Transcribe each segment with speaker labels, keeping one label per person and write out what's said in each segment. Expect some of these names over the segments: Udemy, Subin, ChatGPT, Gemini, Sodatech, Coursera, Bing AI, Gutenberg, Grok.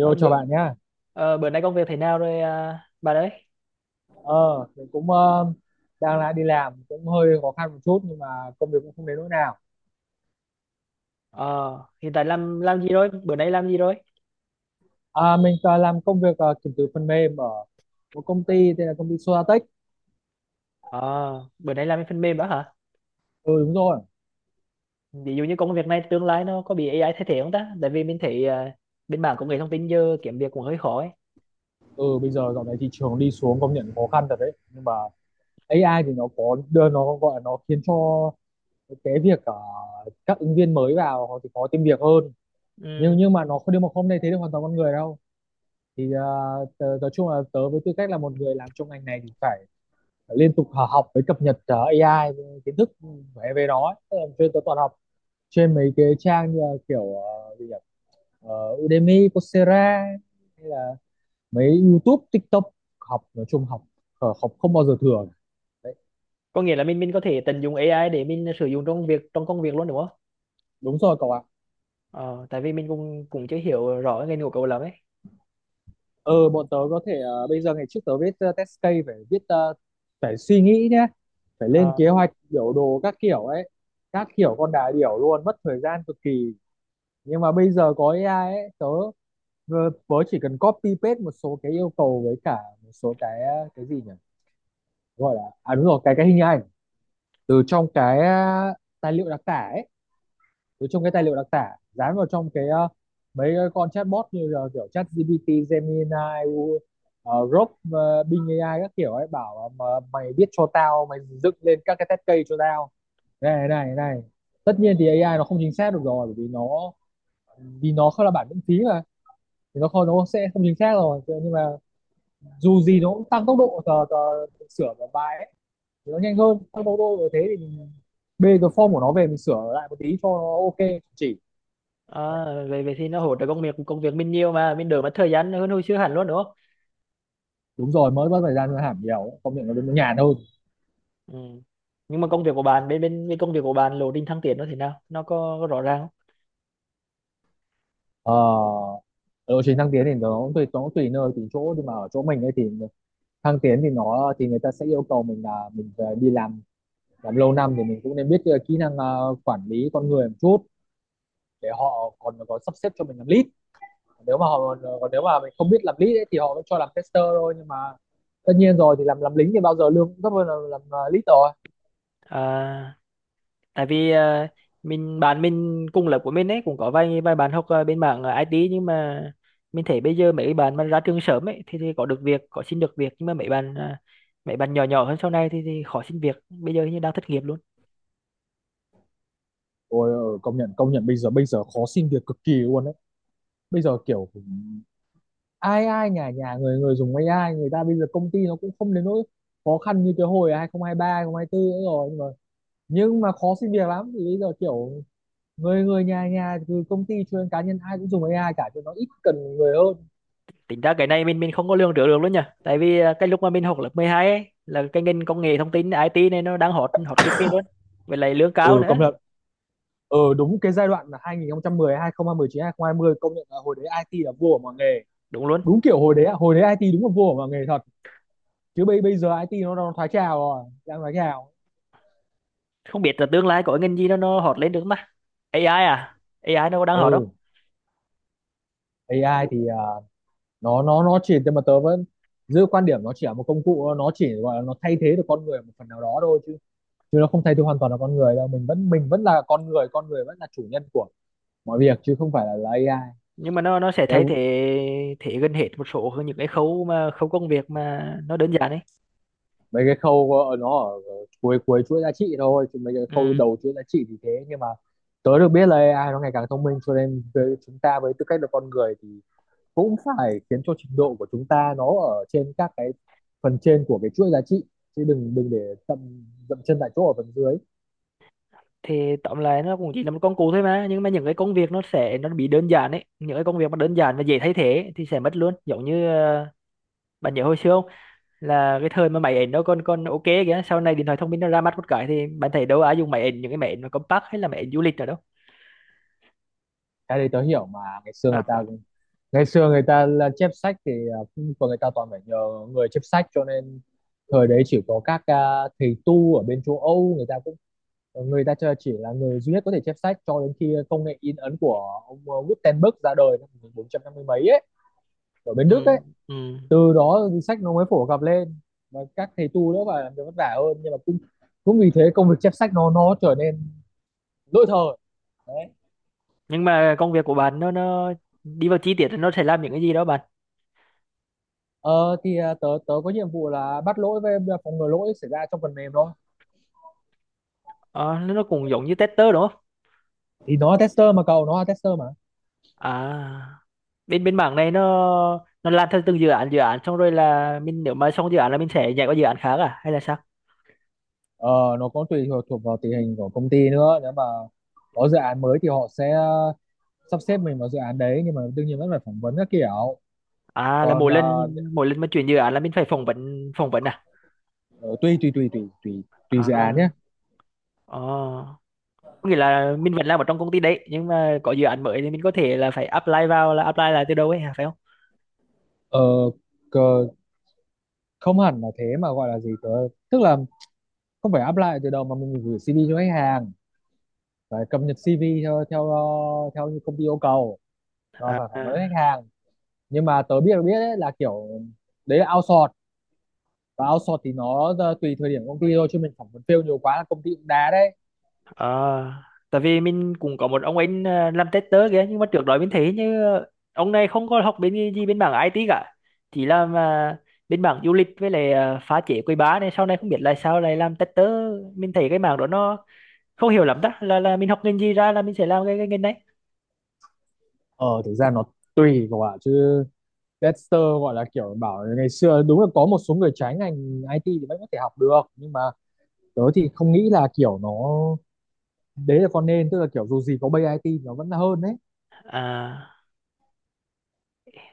Speaker 1: Ờ,
Speaker 2: chào
Speaker 1: bữa
Speaker 2: bạn nhá.
Speaker 1: bữa nay công việc thế nào rồi, à, bà đấy?
Speaker 2: Ờ, mình cũng đang lại đi làm cũng hơi khó khăn một chút nhưng mà công việc cũng không đến nỗi nào.
Speaker 1: ờ Hiện tại làm gì rồi, bữa nay làm gì rồi?
Speaker 2: À, mình làm công việc kiểm thử phần mềm ở một công ty tên là công ty Sodatech.
Speaker 1: Ờ Bữa nay làm cái phần mềm đó hả?
Speaker 2: Ừ đúng rồi.
Speaker 1: Ví dụ như công việc này tương lai nó có bị AI thay thế không ta? Tại vì mình thấy bên mảng công nghệ thông tin giờ kiếm việc cũng hơi khó ấy.
Speaker 2: Ừ, bây giờ dạo này thị trường đi xuống, công nhận khó khăn thật đấy. Nhưng mà AI thì nó có đưa, nó gọi là nó khiến cho cái việc các ứng viên mới vào họ thì khó tìm việc hơn. Nhưng
Speaker 1: Ừ.
Speaker 2: nhưng mà nó không, nhưng mà không thay thế được hoàn toàn con người đâu. Thì nói chung là tớ với tư cách là một người làm trong ngành này thì phải liên tục học với cập nhật AI, kiến thức về về nó ấy. Tức là tôi toàn học trên mấy cái trang như kiểu ờ, gì nhỉ Udemy, Coursera, hay là mấy YouTube, TikTok. Học nói chung, học học không bao giờ thừa đấy.
Speaker 1: Có nghĩa là mình có thể tận dụng AI để mình sử dụng trong việc, trong công việc luôn đúng không?
Speaker 2: Đúng rồi cậu ạ.
Speaker 1: Ờ Tại vì mình cũng cũng chưa hiểu rõ cái ngành của cậu lắm ấy.
Speaker 2: Ờ bọn tớ có thể bây giờ ngày trước tớ viết test case phải viết phải suy nghĩ nhé, phải lên
Speaker 1: Ờ.
Speaker 2: kế hoạch biểu đồ các kiểu ấy, các kiểu con đà điểu luôn, mất thời gian cực kỳ. Nhưng mà bây giờ có AI ấy, tớ Vờ- Vớ chỉ cần copy paste một số cái yêu cầu với cả một số cái gì nhỉ? Gọi là à đúng rồi, cái hình ảnh từ trong cái tài liệu đặc tả ấy, từ trong cái tài liệu đặc tả dán vào trong cái mấy cái con chatbot như là kiểu ChatGPT, Gemini, U- Grok, Bing AI các kiểu ấy, bảo là mà mày biết cho tao, mày dựng lên các cái test case cho tao. Này này này. Tất nhiên thì AI nó không chính xác được rồi, bởi vì nó, vì nó không là bản miễn phí mà, thì nó không, nó sẽ không chính xác rồi. Thế nhưng mà dù gì nó cũng tăng tốc độ, tờ, tờ sửa một bài ấy thì nó nhanh hơn, tăng tốc độ như thế thì mình bê cái form của nó về mình sửa lại một tí cho nó ok chỉ
Speaker 1: À,
Speaker 2: đấy.
Speaker 1: về về thì nó hỗ trợ công việc, công việc mình nhiều mà mình đỡ mất thời gian hơn hồi xưa hẳn luôn đúng?
Speaker 2: Đúng rồi, mới mất thời gian nó hẳn nhiều, công nhận nó đến nó nhàn hơn.
Speaker 1: Ừ. Nhưng mà công việc của bạn, bên bên bên công việc của bạn lộ trình thăng tiến nó thế nào? Nó có rõ ràng không?
Speaker 2: ờ lộ trình thăng tiến thì nó tùy, nó tùy nơi tùy chỗ, nhưng mà ở chỗ mình ấy thì thăng tiến thì nó thì người ta sẽ yêu cầu mình là mình phải đi làm lâu năm thì mình cũng nên biết kỹ năng quản lý con người một chút, để họ còn có sắp xếp cho mình làm lead. Nếu mà họ còn, nếu mà mình không biết làm lead ấy, thì họ mới cho làm tester thôi, nhưng mà tất nhiên rồi thì làm lính thì bao giờ lương cũng thấp hơn là làm lead rồi.
Speaker 1: À, tại vì à, mình bạn mình cùng lớp của mình ấy cũng có vài vài bạn học bên mảng IT, nhưng mà mình thấy bây giờ mấy bạn mà ra trường sớm ấy thì có được việc, có xin được việc, nhưng mà mấy bạn mấy bạn nhỏ nhỏ hơn sau này thì khó xin việc. Bây giờ hình như đang thất nghiệp luôn.
Speaker 2: Ôi, công nhận, công nhận bây giờ, bây giờ khó xin việc cực kỳ luôn đấy. Bây giờ kiểu ai ai nhà nhà người người dùng AI, người ta bây giờ công ty nó cũng không đến nỗi khó khăn như cái hồi 2023 2024 nữa rồi. Nhưng mà, nhưng mà khó xin việc lắm, thì bây giờ kiểu người người nhà nhà, từ công ty cho đến cá nhân ai cũng dùng AI cả, cho nó ít cần người hơn.
Speaker 1: Tính ra cái này mình không có lường trước được luôn nhỉ. Tại vì cái lúc mà mình học lớp 12 ấy, là cái ngành công nghệ thông tin, IT này nó đang hot hot cực kỳ luôn. Với lại lương
Speaker 2: Ừ,
Speaker 1: cao nữa.
Speaker 2: công nhận. Đúng cái giai đoạn là hai hai hai nghìn nghìn mười mười chín hai nghìn 2019 2020 công nhận là hồi đấy IT là vua của mọi nghề.
Speaker 1: Đúng luôn.
Speaker 2: Đúng kiểu hồi đấy, hồi đấy IT đúng là vua của mọi nghề thật, chứ bây bây giờ IT nó thoái trào rồi, đang thoái trào.
Speaker 1: Không biết là tương lai có ngành gì nó hot lên được không ta? AI, à AI nó có đang hot không?
Speaker 2: Ừ, AI thì nó chỉ, nhưng mà tớ vẫn giữ quan điểm nó chỉ là một công cụ, nó chỉ gọi là nó thay thế được con người một phần nào đó thôi, chứ chứ nó không thay thế hoàn toàn là con người đâu. Mình vẫn, mình vẫn là con người, con người vẫn là chủ nhân của mọi việc, chứ không phải là AI.
Speaker 1: Nhưng mà nó sẽ
Speaker 2: Đấy,
Speaker 1: thay thế thế gần hết một số những cái khâu mà khâu công việc mà nó đơn giản ấy.
Speaker 2: mấy cái khâu nó ở cuối cuối chuỗi giá trị thôi, chứ mấy cái khâu
Speaker 1: Ừ.
Speaker 2: đầu chuỗi giá trị thì thế, nhưng mà tớ được biết là AI nó ngày càng thông minh, cho nên với chúng ta với tư cách là con người thì cũng phải khiến cho trình độ của chúng ta nó ở trên các cái phần trên của cái chuỗi giá trị, chứ đừng đừng để dậm dậm chân tại chỗ ở phần dưới.
Speaker 1: Thì tóm lại nó cũng chỉ là một công cụ thôi, mà nhưng mà những cái công việc nó sẽ nó bị đơn giản ấy, những cái công việc mà đơn giản và dễ thay thế ấy, thì sẽ mất luôn. Giống như bạn nhớ hồi xưa không, là cái thời mà máy ảnh nó còn còn ok kìa, sau này điện thoại thông minh nó ra mắt một cái thì bạn thấy đâu ai dùng máy ảnh, những cái máy ảnh mà compact hay là máy ảnh du lịch nào đâu.
Speaker 2: Cái đấy tớ hiểu mà. Ngày xưa người
Speaker 1: À,
Speaker 2: ta, ngày xưa người ta là chép sách thì của người ta toàn phải nhờ người chép sách, cho nên thời đấy chỉ có các thầy tu ở bên châu Âu, người ta cũng, chỉ là người duy nhất có thể chép sách, cho đến khi công nghệ in ấn của ông Gutenberg ra đời năm 1450 mấy ấy, ở bên Đức
Speaker 1: ừ,
Speaker 2: ấy.
Speaker 1: ừ.
Speaker 2: Từ đó thì sách nó mới phổ cập lên, và các thầy tu nữa phải làm việc vất vả hơn, nhưng mà cũng, cũng vì thế công việc chép sách nó trở nên lỗi thời đấy.
Speaker 1: Nhưng mà công việc của bạn nó đi vào chi tiết thì nó sẽ làm những cái gì đó bạn?
Speaker 2: Tớ tớ có nhiệm vụ là bắt lỗi với phòng ngừa lỗi xảy ra trong phần mềm thôi.
Speaker 1: Ờ, nó cũng giống như tester đúng không?
Speaker 2: Thì nó là tester mà cậu, nó là tester mà.
Speaker 1: À, bên bên mảng này nó làm theo từng dự án, dự án xong rồi là mình, nếu mà xong dự án là mình sẽ nhảy qua dự án khác à, hay là sao?
Speaker 2: ờ, nó có tùy thuộc thuộc vào tình hình của công ty nữa. Nếu mà có dự án mới thì họ sẽ sắp xếp mình vào dự án đấy, nhưng mà đương nhiên vẫn phải phỏng vấn các kiểu.
Speaker 1: À, là
Speaker 2: Còn
Speaker 1: mỗi lần, mỗi lần mà chuyển dự án là mình phải phỏng vấn à?
Speaker 2: tùy tùy tùy tùy tùy tùy dự án nhé.
Speaker 1: À. Ờ, có nghĩa là mình vẫn làm ở trong công ty đấy nhưng mà có dự án mới thì mình có thể là phải apply vào, là apply lại từ đầu ấy hả, phải không?
Speaker 2: ờ, cờ, không hẳn là thế, mà gọi là gì tớ, tức là không phải apply từ đầu mà mình gửi CV cho khách hàng, phải cập nhật CV theo theo theo như công ty yêu cầu, rồi phải phỏng vấn
Speaker 1: À.
Speaker 2: khách hàng. Nhưng mà tớ biết biết ấy, là kiểu đấy là outsource, và outsource thì nó tùy thời điểm công ty thôi, chứ mình phỏng vấn fail nhiều quá là công ty cũng đá đấy.
Speaker 1: Ờ, tại vì mình cũng có một ông anh làm tester kìa, nhưng mà trước đó mình thấy như ông này không có học bên gì bên mảng IT cả, chỉ làm bên mảng du lịch với lại phá chế quầy bar này, sau này không biết là sao lại làm tester. Mình thấy cái mảng đó nó không hiểu lắm, đó là mình học ngành gì ra là mình sẽ làm cái ngành đấy.
Speaker 2: Ờ thực ra nó tùy các bạn chứ. Dexter gọi là kiểu bảo là ngày xưa đúng là có một số người trái ngành IT thì vẫn có thể học được, nhưng mà tớ thì không nghĩ là kiểu nó đấy là con, nên tức là kiểu dù gì có bay IT nó vẫn hơn đấy.
Speaker 1: À,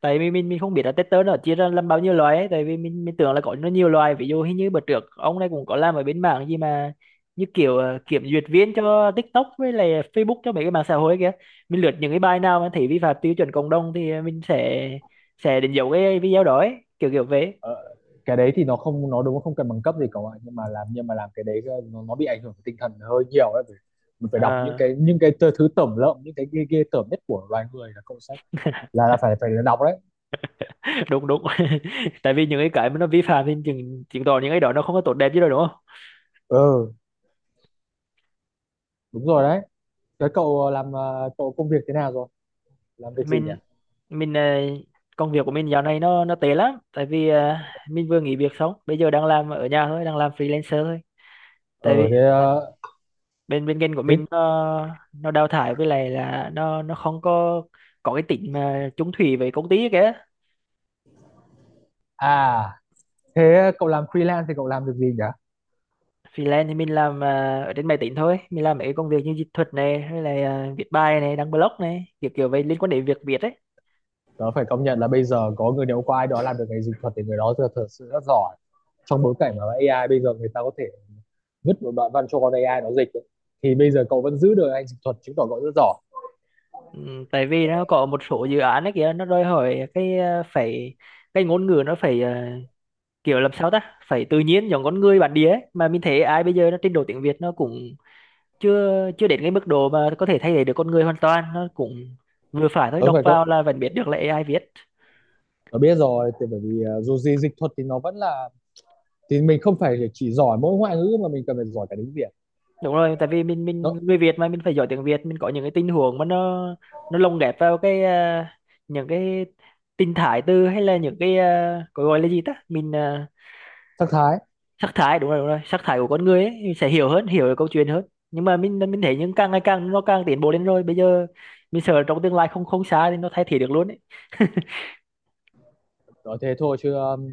Speaker 1: tại vì mình không biết là tester nó chia ra làm bao nhiêu loại ấy, tại vì mình tưởng là có nó nhiều loại. Ví dụ hình như bữa trước ông này cũng có làm ở bên mảng gì mà như kiểu kiểm duyệt viên cho TikTok với lại Facebook, cho mấy cái mạng xã hội kia. Mình lượt những cái bài nào mà thấy vi phạm tiêu chuẩn cộng đồng thì mình sẽ đánh dấu cái video đó ấy, kiểu kiểu vậy.
Speaker 2: ờ, cái đấy thì nó không, nó đúng là không cần bằng cấp gì cả bạn, nhưng mà làm, nhưng mà làm cái đấy nó bị ảnh hưởng tinh thần hơi nhiều đấy. Mình phải đọc những
Speaker 1: Ờ,
Speaker 2: cái, thứ tởm lợm, những cái ghê ghê tởm nhất của loài người là cậu sẽ là phải phải đọc đấy.
Speaker 1: đúng đúng. Tại vì những cái mà nó vi phạm thì chứng chứng tỏ những cái đó nó không có tốt đẹp gì đâu, đúng.
Speaker 2: Ừ đúng rồi đấy. Thế cậu làm cậu công việc thế nào rồi, làm việc gì nhỉ.
Speaker 1: Mình, mình ờ, công việc của mình dạo này nó tệ lắm, tại vì mình vừa nghỉ việc xong, bây giờ đang làm ở nhà thôi, đang làm freelancer thôi.
Speaker 2: ờ
Speaker 1: Tại vì
Speaker 2: thế ờ,
Speaker 1: bên bên kênh của
Speaker 2: thế
Speaker 1: mình nó đào thải, với lại là nó không có cái tính mà chung thủy với công ty kìa.
Speaker 2: à. Thế cậu làm freelance thì cậu làm được gì nhỉ.
Speaker 1: Freelance thì mình làm ở trên máy tính thôi, mình làm mấy công việc như dịch thuật này, hay là viết bài này, đăng blog này, kiểu kiểu vậy liên quan đến việc Việt ấy.
Speaker 2: Tớ phải công nhận là bây giờ có người, nếu có ai đó làm được ngành dịch thuật thì người đó thật, thật sự rất giỏi. Trong bối cảnh mà AI bây giờ, người ta có thể vứt một đoạn văn cho con AI nó dịch ấy, thì bây giờ cậu vẫn giữ được anh dịch thuật chứng tỏ cậu rất giỏi.
Speaker 1: Ừ, tại vì nó có một số dự án ấy kìa, nó đòi hỏi cái phải cái ngôn ngữ nó phải kiểu làm sao ta, phải tự nhiên giống con người bản địa ấy. Mà mình thấy AI bây giờ nó trình độ tiếng Việt nó cũng chưa chưa đến cái mức độ mà có thể thay thế được con người hoàn toàn, nó cũng vừa phải thôi,
Speaker 2: Tớ
Speaker 1: đọc
Speaker 2: phải
Speaker 1: vào
Speaker 2: cậu
Speaker 1: là vẫn biết được là AI viết.
Speaker 2: tớ biết rồi, thì bởi vì dù gì dịch thuật thì nó vẫn là, thì mình không phải chỉ giỏi mỗi ngoại ngữ mà mình cần phải giỏi cả tiếng Việt.
Speaker 1: Đúng rồi, tại vì mình
Speaker 2: Đó,
Speaker 1: người Việt mà, mình phải giỏi tiếng Việt. Mình có những cái tình huống mà nó lồng ghép vào những cái tình thái từ, hay là những cái có gọi là gì ta,
Speaker 2: sắc thái.
Speaker 1: sắc thái, đúng rồi, đúng rồi, sắc thái của con người ấy, mình sẽ hiểu hơn, hiểu được câu chuyện hơn. Nhưng mà mình thấy những càng ngày càng nó càng tiến bộ lên rồi, bây giờ mình sợ trong tương lai không không xa thì nó thay thế được luôn ấy.
Speaker 2: Nói thế thôi, chứ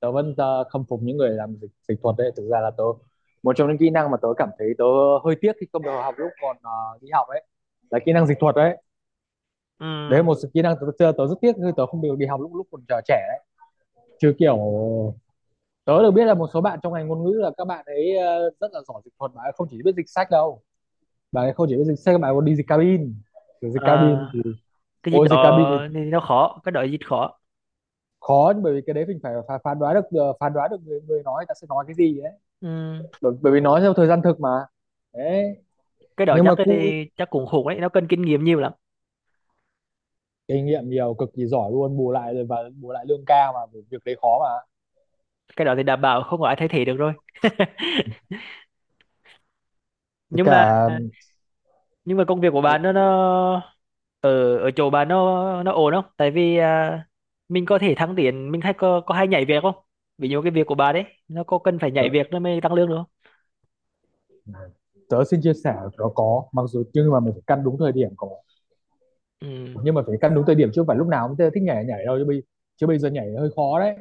Speaker 2: tớ vẫn khâm phục những người làm dịch dịch thuật đấy. Thực ra là tớ, một trong những kỹ năng mà tớ cảm thấy tớ hơi tiếc khi không được học lúc còn đi học ấy, là kỹ năng dịch thuật đấy.
Speaker 1: Ừ.
Speaker 2: Đấy là một kỹ năng tớ, tớ, rất tiếc khi tớ không được đi học lúc, lúc còn trẻ đấy. Chứ kiểu tớ được biết là một số bạn trong ngành ngôn ngữ là các bạn ấy rất là giỏi dịch thuật, mà không chỉ biết dịch sách đâu. Bạn ấy không chỉ biết dịch sách, các bạn còn đi dịch cabin. Kiểu dịch cabin thì,
Speaker 1: À, cái gì
Speaker 2: ôi dịch cabin
Speaker 1: đó thì
Speaker 2: thì
Speaker 1: nó khó, cái đó gì khó.
Speaker 2: khó, bởi vì cái đấy mình phải phán đoán được phán đoán được người, người nói ta sẽ nói cái gì ấy.
Speaker 1: Ừ.
Speaker 2: Bởi vì nói theo thời gian thực mà, đấy.
Speaker 1: Cái đó
Speaker 2: Nhưng
Speaker 1: chắc
Speaker 2: mà cu
Speaker 1: chắc cũng khủng đấy, nó cần kinh nghiệm nhiều lắm.
Speaker 2: kinh nghiệm nhiều cực kỳ, giỏi luôn, bù lại rồi và bù lại lương cao mà, việc đấy khó mà.
Speaker 1: Cái đó thì đảm bảo không có ai thay thế được rồi.
Speaker 2: Với
Speaker 1: Nhưng mà,
Speaker 2: cả
Speaker 1: nhưng mà công việc của
Speaker 2: tớ,
Speaker 1: bạn nó, ở ở chỗ bạn nó ổn không? Tại vì mình có thể thăng tiến, mình hay có hay nhảy việc không? Ví dụ cái việc của bạn đấy, nó có cần phải
Speaker 2: tớ,
Speaker 1: nhảy việc nó mới tăng lương được không?
Speaker 2: tớ xin chia sẻ nó có, mặc dù nhưng mà mình phải căn đúng thời điểm có.
Speaker 1: Ừ,
Speaker 2: Nhưng mà phải căn đúng thời điểm, chứ không phải lúc nào cũng thích nhảy nhảy đâu, chứ bây giờ nhảy hơi khó đấy.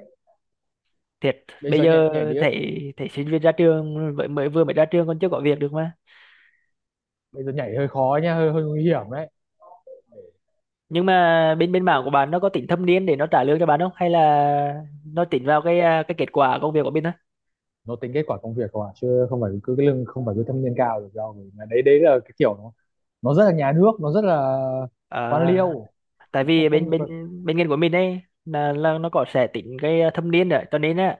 Speaker 1: thiệt
Speaker 2: Bây
Speaker 1: bây
Speaker 2: giờ nhảy
Speaker 1: giờ
Speaker 2: nhảy đi,
Speaker 1: thấy thấy sinh viên ra trường mới mới vừa mới ra trường còn chưa có việc được mà.
Speaker 2: bây giờ nhảy hơi khó nha, hơi hơi nguy hiểm đấy.
Speaker 1: Nhưng mà bên bên mảng của bạn nó có tính thâm niên để nó trả lương cho bạn không, hay là nó tính vào cái cái kết quả công việc của mình thôi?
Speaker 2: Nó tính kết quả công việc không à, chứ không phải cứ cái lương, không phải cứ thâm niên cao được đâu. Mà đấy, đấy là cái kiểu nó rất là nhà nước, nó rất là
Speaker 1: À,
Speaker 2: quan liêu.
Speaker 1: tại
Speaker 2: Nó không,
Speaker 1: vì bên
Speaker 2: không
Speaker 1: bên
Speaker 2: có.
Speaker 1: bên ngành của mình ấy là nó có sẽ tính cái thâm niên, rồi cho nên á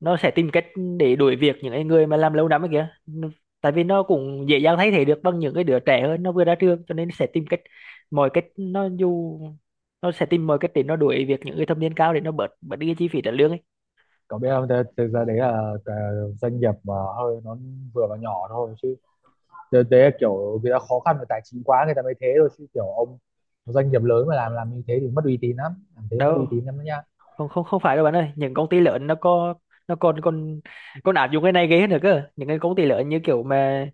Speaker 1: nó sẽ tìm cách để đuổi việc những cái người mà làm lâu năm ấy kìa. Nó- tại vì nó cũng dễ dàng thay thế được bằng những cái đứa trẻ hơn, nó vừa ra trường, cho nên sẽ tìm cách, mọi cách nó dù nó sẽ tìm mọi cách để nó đuổi việc những người thâm niên cao để nó bớt bớt đi cái chi phí trả lương ấy.
Speaker 2: Cậu biết không, thế, thế ra đấy là cái doanh nghiệp mà hơi nó vừa và nhỏ thôi, chứ thế, thế là kiểu người ta khó khăn về tài chính quá người ta mới thế thôi, chứ kiểu ông doanh nghiệp lớn mà làm như thế thì mất uy tín lắm, làm thế mất uy
Speaker 1: Đâu,
Speaker 2: tín lắm đó nha.
Speaker 1: không không không phải đâu bạn ơi, những công ty lớn nó có, nó còn còn còn áp dụng cái này ghê hơn nữa cơ. Những cái công ty lớn như kiểu mà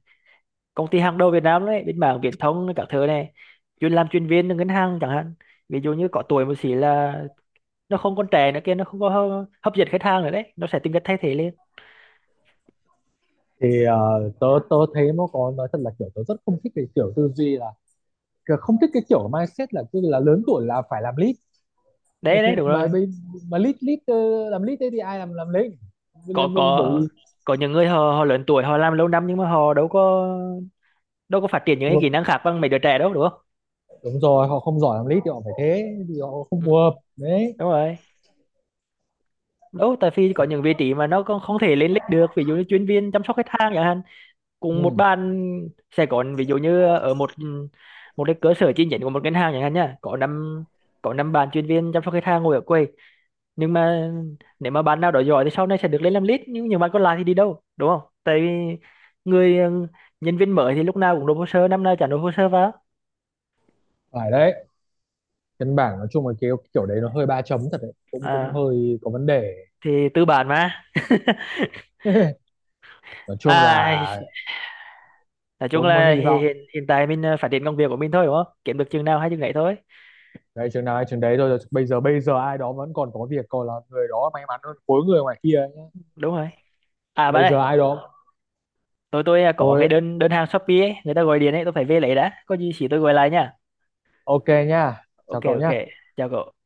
Speaker 1: công ty hàng đầu Việt Nam đấy, bên mảng viễn thông các thứ này, chuyên làm chuyên viên ngân hàng chẳng hạn, ví dụ như có tuổi một xí là nó không còn trẻ nữa kia, nó không có hấp dẫn khách hàng nữa đấy, nó sẽ tìm cách thay thế lên.
Speaker 2: Thì tớ tớ thấy nó có, nói thật là kiểu tớ rất không thích cái kiểu tư duy là, kiểu không thích cái kiểu mindset là cứ là lớn tuổi là phải làm lead. mà
Speaker 1: Đấy đấy đúng
Speaker 2: mà
Speaker 1: rồi,
Speaker 2: bây- mà lead lead ờ, làm lead thế thì ai làm lead,
Speaker 1: có
Speaker 2: bởi
Speaker 1: có
Speaker 2: vì.
Speaker 1: có những người họ họ lớn tuổi, họ làm lâu năm nhưng mà họ đâu có phát triển những cái kỹ năng khác bằng mấy đứa trẻ đâu đúng không.
Speaker 2: Đúng rồi, họ không giỏi làm lead thì họ phải thế, thì họ không
Speaker 1: Ừ,
Speaker 2: phù hợp đấy.
Speaker 1: đúng rồi. Đâu tại vì có những vị trí mà nó không thể lên lịch được, ví dụ như chuyên viên chăm sóc khách hàng chẳng hạn, cùng một
Speaker 2: Ừ,
Speaker 1: bàn sẽ có, ví dụ như ở một một cái cơ sở chi nhánh của một ngân hàng chẳng hạn nhá, có năm, có năm bạn chuyên viên chăm sóc khách hàng ngồi ở quầy, nhưng mà nếu mà bạn nào đó giỏi thì sau này sẽ được lên làm lead, nhưng những bạn còn lại thì đi đâu, đúng không? Tại vì người ừ, nhân viên mới thì lúc nào cũng nộp hồ sơ, năm nào chả nộp hồ sơ vào.
Speaker 2: phải đấy. Căn bản nói chung là cái kiểu đấy nó hơi ba chấm thật đấy, cũng cũng
Speaker 1: À,
Speaker 2: hơi có vấn đề.
Speaker 1: thì tư bản mà.
Speaker 2: Nói chung
Speaker 1: À,
Speaker 2: là
Speaker 1: nói chung
Speaker 2: cũng
Speaker 1: là
Speaker 2: hy
Speaker 1: hi-
Speaker 2: vọng
Speaker 1: hiện hiện tại mình phát triển công việc của mình thôi đúng không, kiếm được chừng nào hay chừng ấy thôi.
Speaker 2: đấy, chừng nào hay chừng đấy thôi. Bây giờ, bây giờ ai đó vẫn còn có việc còn là người đó may mắn hơn khối người ngoài kia ấy.
Speaker 1: Đúng rồi. À bạn
Speaker 2: Bây giờ
Speaker 1: ơi,
Speaker 2: ai đó,
Speaker 1: có cái
Speaker 2: thôi
Speaker 1: đơn đơn hàng Shopee ấy, người ta gọi điện ấy, tôi phải về lấy đã, có gì chỉ tôi gọi lại nha.
Speaker 2: ok nha, chào
Speaker 1: Ok
Speaker 2: cậu
Speaker 1: ok,
Speaker 2: nhá.
Speaker 1: chào cậu.